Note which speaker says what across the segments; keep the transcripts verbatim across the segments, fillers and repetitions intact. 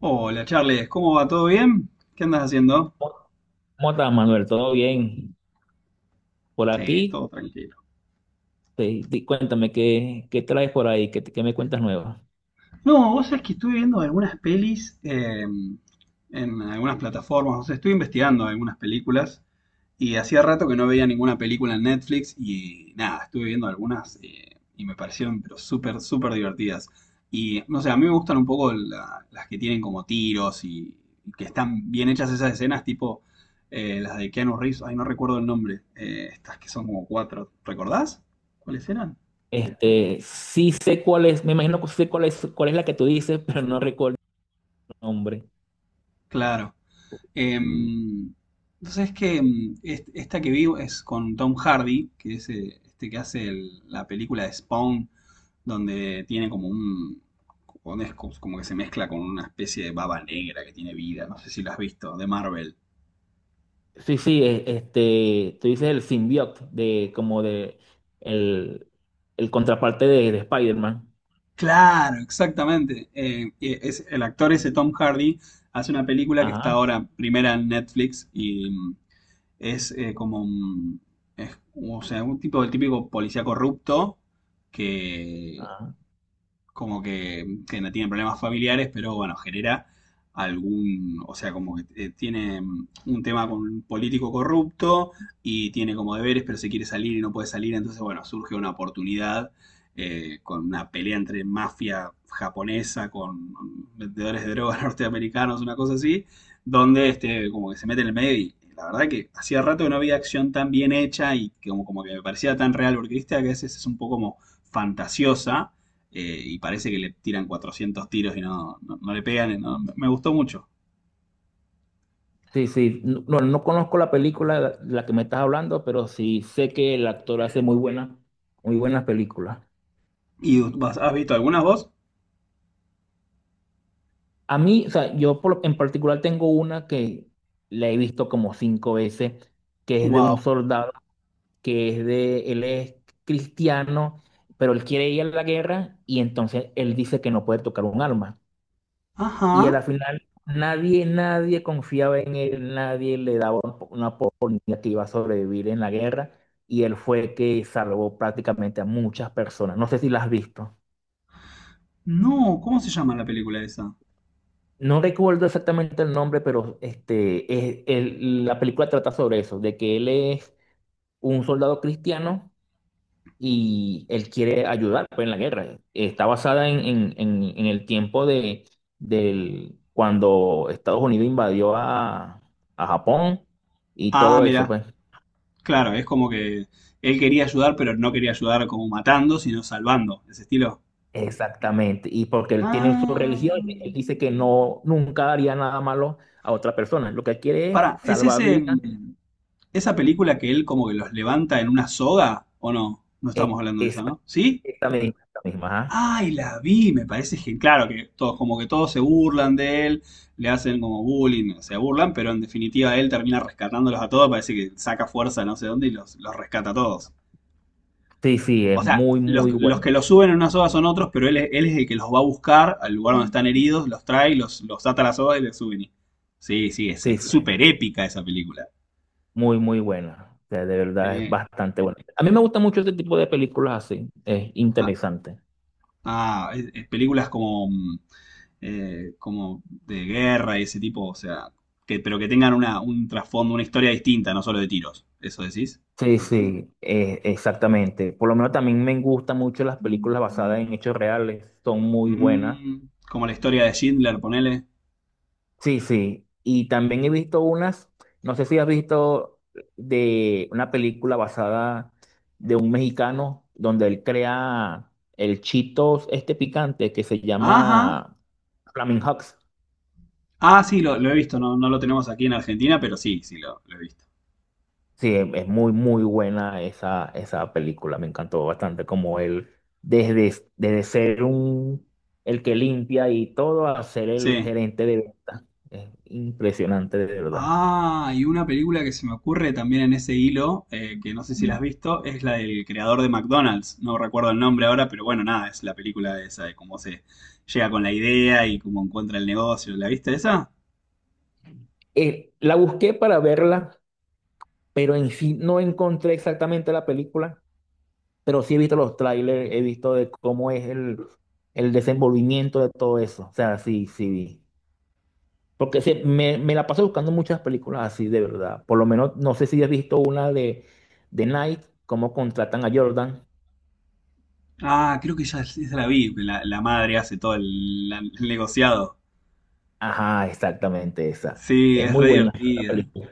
Speaker 1: Hola Charles, ¿cómo va? ¿Todo bien? ¿Qué andas haciendo?
Speaker 2: ¿Cómo estás, Manuel? ¿Todo bien? Por
Speaker 1: Sí,
Speaker 2: aquí,
Speaker 1: todo tranquilo.
Speaker 2: te- di- cuéntame, ¿qué, ¿qué traes por ahí? ¿Qué, te- qué me cuentas nuevo?
Speaker 1: No, vos sabés que estuve viendo algunas pelis eh, en algunas plataformas, o sea, estuve investigando algunas películas y hacía rato que no veía ninguna película en Netflix y nada, estuve viendo algunas eh, y me parecieron pero súper, súper divertidas. Y no sé, a mí me gustan un poco la- las que tienen como tiros y, y que están bien hechas esas escenas, tipo eh, las de Keanu Reeves, ay, no recuerdo el nombre, eh, estas que son como cuatro, ¿recordás? ¿Cuáles eran?
Speaker 2: Este, sí sé cuál es, me imagino que sí sé cuál es, cuál es la que tú dices, pero no recuerdo el nombre.
Speaker 1: Claro. Em, entonces es que mm, est- esta que vi es con Tom Hardy, que es eh, este que hace el- la película de Spawn, donde tiene como un... donde es como como que se mezcla con una especie de baba negra que tiene vida, no sé si lo has visto, de Marvel.
Speaker 2: Sí, sí, e- este, tú dices el symbiote de, como de, el, el contraparte de, de Spider-Man.
Speaker 1: Claro, exactamente. Eh, eh, es, el actor ese Tom Hardy hace una película que está
Speaker 2: Ajá,
Speaker 1: ahora primera en Netflix y mm, es eh, como un, es, o sea, un tipo, el típico policía corrupto que,
Speaker 2: ajá.
Speaker 1: como que, que no tiene problemas familiares, pero bueno, genera algún, o sea, como que eh, tiene mm, un tema con un político corrupto y tiene como deberes, pero se quiere salir y no puede salir, entonces bueno, surge una oportunidad eh, con una pelea entre mafia japonesa con mm, vendedores de drogas norteamericanos, una cosa así, donde este, como que se mete en el medio y la verdad que hacía rato que no había acción tan bien hecha y que como, como que me parecía tan real, porque viste que a veces es un poco como fantasiosa eh, y parece que le tiran cuatrocientos tiros y no, no, no le pegan. no- me gustó mucho.
Speaker 2: Sí, sí, no, no no conozco la película de la que me estás hablando, pero sí sé que el actor hace muy buenas, muy buenas películas.
Speaker 1: ¿Y vos has visto algunas vos?
Speaker 2: A mí, o sea, yo por- en particular tengo una que la he visto como cinco veces, que es de un
Speaker 1: ¡Wow!
Speaker 2: soldado, que es de, él es cristiano, pero él quiere ir a la guerra y entonces él dice que no puede tocar un arma. Y a la
Speaker 1: Ajá.
Speaker 2: final nadie, nadie confiaba en él, nadie le daba un po- una oportunidad que iba a sobrevivir en la guerra y él fue que salvó prácticamente a muchas personas. No sé si la has visto.
Speaker 1: No, ¿cómo se llama la película esa?
Speaker 2: No recuerdo exactamente el nombre, pero este, es- el- la película trata sobre eso, de que él es un soldado cristiano y él quiere ayudar pues, en la guerra. Está basada en, en- en- en el tiempo de, del, cuando Estados Unidos invadió a, a Japón y
Speaker 1: Ah,
Speaker 2: todo eso,
Speaker 1: mira.
Speaker 2: pues.
Speaker 1: Claro, es como que él quería ayudar, pero no quería ayudar como matando, sino salvando. Ese estilo.
Speaker 2: Exactamente. Y porque él tiene su
Speaker 1: Ah.
Speaker 2: religión, él dice que no, nunca haría nada malo a otra persona. Lo que quiere es
Speaker 1: Pará, ¿es
Speaker 2: salvar
Speaker 1: ese,
Speaker 2: vidas.
Speaker 1: mm, esa película que él como que los levanta en una soga? ¿O no? No
Speaker 2: Eh,
Speaker 1: estamos hablando de
Speaker 2: esa,
Speaker 1: esa, ¿no? ¿Sí?
Speaker 2: esa misma, esa misma, ajá.
Speaker 1: Ay, la vi, me parece que, claro, que todos, como que todos se burlan de él, le hacen como bullying, se burlan, pero en definitiva él termina rescatándolos a todos, parece que saca fuerza de no sé dónde y los, los rescata a todos.
Speaker 2: Sí, sí,
Speaker 1: O
Speaker 2: es
Speaker 1: sea,
Speaker 2: muy,
Speaker 1: los,
Speaker 2: muy
Speaker 1: los
Speaker 2: buena.
Speaker 1: que los suben en una soga son otros, pero él, es- él es el que los va a buscar al lugar donde están heridos, los trae, los, los ata a la soga y les suben. y- Sí, sí, es
Speaker 2: Sí,
Speaker 1: es súper
Speaker 2: sí,
Speaker 1: épica esa película.
Speaker 2: muy, muy buena. O sea, de verdad es
Speaker 1: Sí.
Speaker 2: bastante buena. A mí me gusta mucho este tipo de películas así, es
Speaker 1: Ah,
Speaker 2: interesante.
Speaker 1: ah, es- es películas como mm, eh, como de guerra y ese tipo, o sea, que, pero que tengan una, un trasfondo, una historia distinta, no solo de tiros. ¿Eso decís?
Speaker 2: Sí, sí, eh, exactamente. Por lo menos también me gustan mucho las películas basadas en hechos reales, son muy buenas.
Speaker 1: Mm, como la historia de Schindler, ponele.
Speaker 2: Sí, sí. Y también he visto unas, no sé si has visto de una película basada de un mexicano donde él crea el Cheetos este picante que se
Speaker 1: Ajá.
Speaker 2: llama Flaming Hot.
Speaker 1: Ah, sí, lo, lo he visto, no, no lo tenemos aquí en Argentina, pero sí, sí, lo, lo he visto.
Speaker 2: Sí, es es muy, muy buena esa, esa película. Me encantó bastante como él, desde, desde ser un, el que limpia y todo, a ser el
Speaker 1: Sí.
Speaker 2: gerente de venta. Es impresionante, de verdad.
Speaker 1: Ah, y una película que se me ocurre también en ese hilo, eh, que no sé si la has visto, es la del creador de McDonald's. No recuerdo el nombre ahora, pero bueno, nada, es la película esa de cómo se llega con la idea y cómo encuentra el negocio. ¿La viste esa?
Speaker 2: Eh, la busqué para verla pero en sí no encontré exactamente la película, pero sí he visto los trailers, he visto de cómo es el, el desenvolvimiento de todo eso. O sea, sí, sí vi. Porque sí, me, me la paso buscando muchas películas así, de verdad. Por lo menos, no sé si has visto una de, de Nike, cómo contratan a Jordan.
Speaker 1: Ah, creo que ya es- la vi, la, la madre hace todo el, la- el negociado.
Speaker 2: Ajá, exactamente esa.
Speaker 1: Sí,
Speaker 2: Es
Speaker 1: es
Speaker 2: muy
Speaker 1: re
Speaker 2: buena la
Speaker 1: divertida.
Speaker 2: película.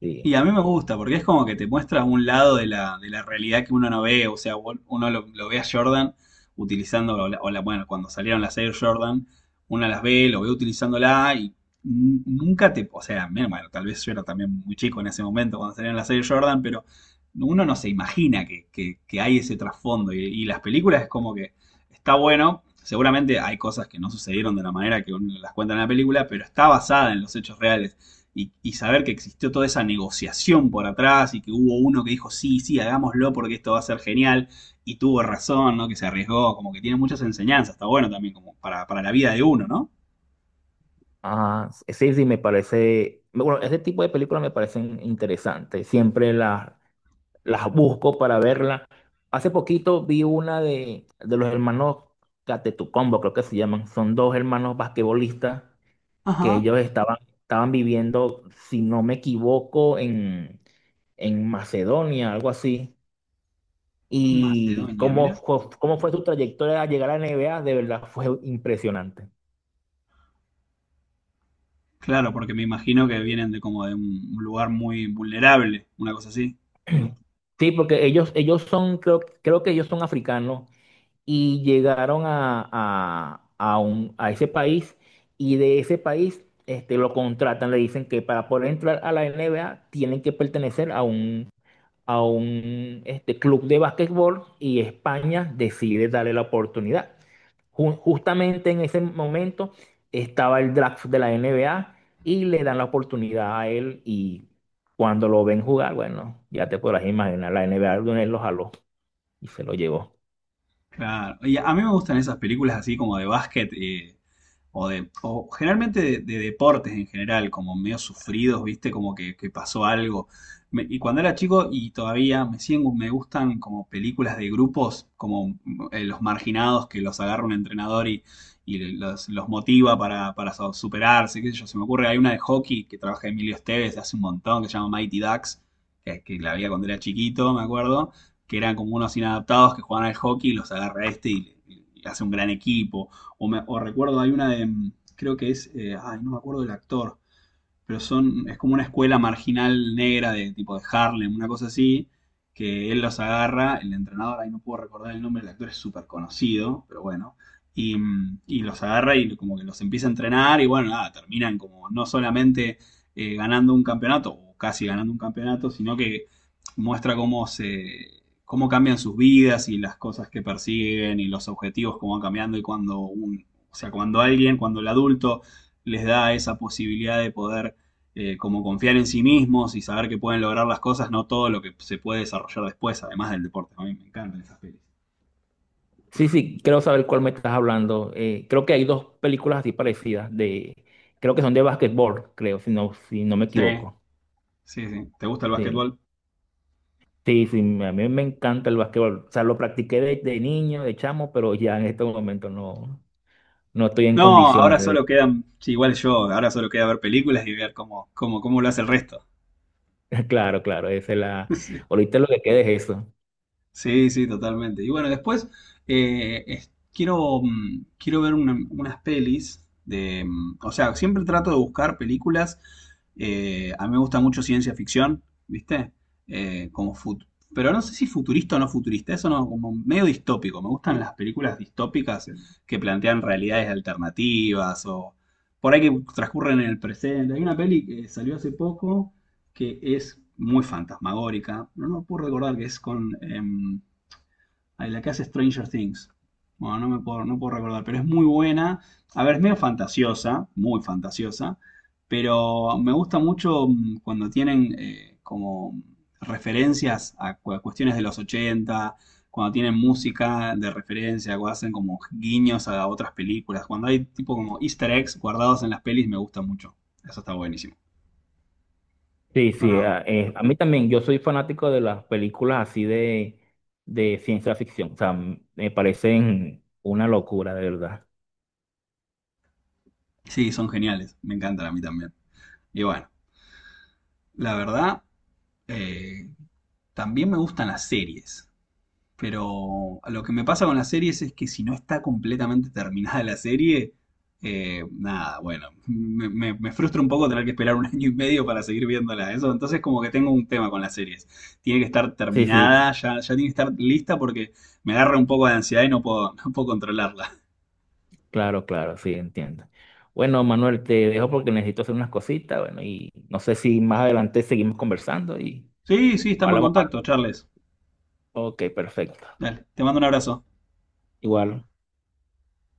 Speaker 2: Sí.
Speaker 1: Y a mí me gusta, porque es como que te muestra un lado de la, de la, realidad que uno no ve. O sea, vol- uno lo, lo ve a Jordan utilizando, o la- o la- bueno, cuando salieron las Air Jordan, una las ve, lo ve utilizándola y n- nunca te, o sea, menos mal, tal vez yo era también muy chico en ese momento cuando salieron las Air Jordan, pero uno no se imagina que, que- que hay ese trasfondo. Y, y las películas es como que está bueno. Seguramente hay cosas que no sucedieron de la manera que uno las cuenta en la película, pero está basada en los hechos reales y, y saber que existió toda esa negociación por atrás y que hubo uno que dijo, sí, sí, hagámoslo porque esto va a ser genial y tuvo razón, ¿no? Que se arriesgó, como que tiene muchas enseñanzas, está bueno también como para, para, la vida de uno, ¿no?
Speaker 2: Ah, sí, sí, me parece. Bueno, ese tipo de películas me parecen interesantes. Siempre las las busco para verla. Hace poquito vi una de, de los hermanos Catetucombo, creo que se llaman. Son dos hermanos basquetbolistas que
Speaker 1: Ajá,
Speaker 2: ellos estaban, estaban viviendo, si no me equivoco, en, en Macedonia, algo así. Y
Speaker 1: Macedonia,
Speaker 2: cómo,
Speaker 1: mira.
Speaker 2: fue- cómo fue su trayectoria a llegar a la N B A, de verdad fue impresionante.
Speaker 1: Claro, porque me imagino que vienen de como de un lugar muy vulnerable, una cosa así.
Speaker 2: Sí, porque ellos, ellos son, creo, creo que ellos son africanos y llegaron a, a- a un- a ese país y de ese país este, lo contratan, le dicen que para poder entrar a la N B A tienen que pertenecer a un, a un este, club de básquetbol y España decide darle la oportunidad. Ju- justamente en ese momento estaba el draft de la N B A y le dan la oportunidad a él y cuando lo ven jugar, bueno, ya te podrás imaginar, la N B A de una vez lo jaló y se lo llevó.
Speaker 1: Claro. Y a mí me gustan esas películas así como de básquet, eh, o, de, o generalmente de, de, deportes en general, como medio sufridos, ¿viste? Como que, que pasó algo. Me- y cuando era chico y todavía me siguen, me gustan como películas de grupos, como eh, los marginados que los agarra un entrenador y, y, los, los motiva para, para so- superarse, qué sé yo. Se me ocurre, hay una de hockey que trabaja Emilio Esteves hace un montón, que se llama Mighty Ducks, que, que la había cuando era chiquito, me acuerdo, que eran como unos inadaptados que jugaban al hockey y los agarra este y, y hace un gran equipo. O, me- o recuerdo, hay una de, mm, creo que es, eh, ay, no me acuerdo del actor, pero son, es como una escuela marginal negra de tipo de Harlem, una cosa así, que él los agarra, el entrenador, ahí no puedo recordar el nombre, el actor es súper conocido, pero bueno, y, y los agarra y como que los empieza a entrenar y bueno, nada, terminan como no solamente eh, ganando un campeonato, o casi ganando un campeonato, sino que muestra cómo se cómo cambian sus vidas y las cosas que persiguen y los objetivos cómo van cambiando y cuando un, o sea, cuando alguien, cuando el adulto les da esa posibilidad de poder eh, como confiar en sí mismos y saber que pueden lograr las cosas, no todo lo que se puede desarrollar después, además del deporte. A mí me encantan esas pelis.
Speaker 2: Sí, sí, quiero saber cuál me estás hablando. Eh, creo que hay dos películas así parecidas de, creo que son de básquetbol, creo, si no, si no me
Speaker 1: Sí,
Speaker 2: equivoco.
Speaker 1: sí, sí. ¿Te gusta el
Speaker 2: Sí,
Speaker 1: básquetbol?
Speaker 2: sí, sí, me- a mí me encanta el básquetbol. O sea, lo practiqué de, de niño, de chamo, pero ya en este momento no, no estoy en
Speaker 1: No, ahora
Speaker 2: condiciones de...
Speaker 1: solo quedan, sí, igual yo, ahora solo queda ver películas y ver cómo, cómo, cómo lo hace el resto.
Speaker 2: Claro, claro, esa es la... Ahorita lo que queda es eso.
Speaker 1: Sí, sí, totalmente. Y bueno, después eh, es- quiero, mm, quiero ver una- unas pelis de... mm, O sea, siempre trato de buscar películas. Eh, a mí me gusta mucho ciencia ficción, ¿viste? Eh, como fut- Pero no sé si futurista o no futurista, eso no, como medio distópico. Me gustan las películas distópicas que plantean realidades alternativas o por ahí que transcurren en el presente. Hay una peli que salió hace poco que es muy fantasmagórica. No, no puedo recordar que es con em, la que hace Stranger Things. Bueno, no me puedo, no puedo recordar, pero es muy buena. A ver, es medio fantasiosa, muy fantasiosa, pero me gusta mucho mm, cuando tienen eh, como referencias a, cu- a cuestiones de los ochenta cuando tienen música de referencia, cuando hacen como guiños a otras películas, cuando hay tipo como easter eggs guardados en las pelis, me gusta mucho. Eso está buenísimo.
Speaker 2: Sí, sí,
Speaker 1: Bueno,
Speaker 2: a, eh, a mí también, yo soy fanático de las películas así de, de ciencia ficción. O sea, me parecen una locura, de verdad.
Speaker 1: sí, son geniales, me encantan a mí también. Y bueno, la verdad, eh, también me gustan las series, pero lo que me pasa con las series es que si no está completamente terminada la serie, eh, nada, bueno, me, me- me frustra un poco tener que esperar un año y medio para seguir viéndola. Eso, entonces como que tengo un tema con las series. Tiene que estar
Speaker 2: Sí,
Speaker 1: terminada,
Speaker 2: sí.
Speaker 1: ya, ya tiene que estar lista porque me agarra un poco de ansiedad y no puedo, no puedo controlarla.
Speaker 2: Claro, claro, sí, entiendo. Bueno, Manuel, te dejo porque necesito hacer unas cositas, bueno, y no sé si más adelante seguimos conversando y
Speaker 1: Sí, sí, estamos en
Speaker 2: hablamos más.
Speaker 1: contacto, Charles.
Speaker 2: Ok, perfecto.
Speaker 1: Dale, te mando un abrazo.
Speaker 2: Igual.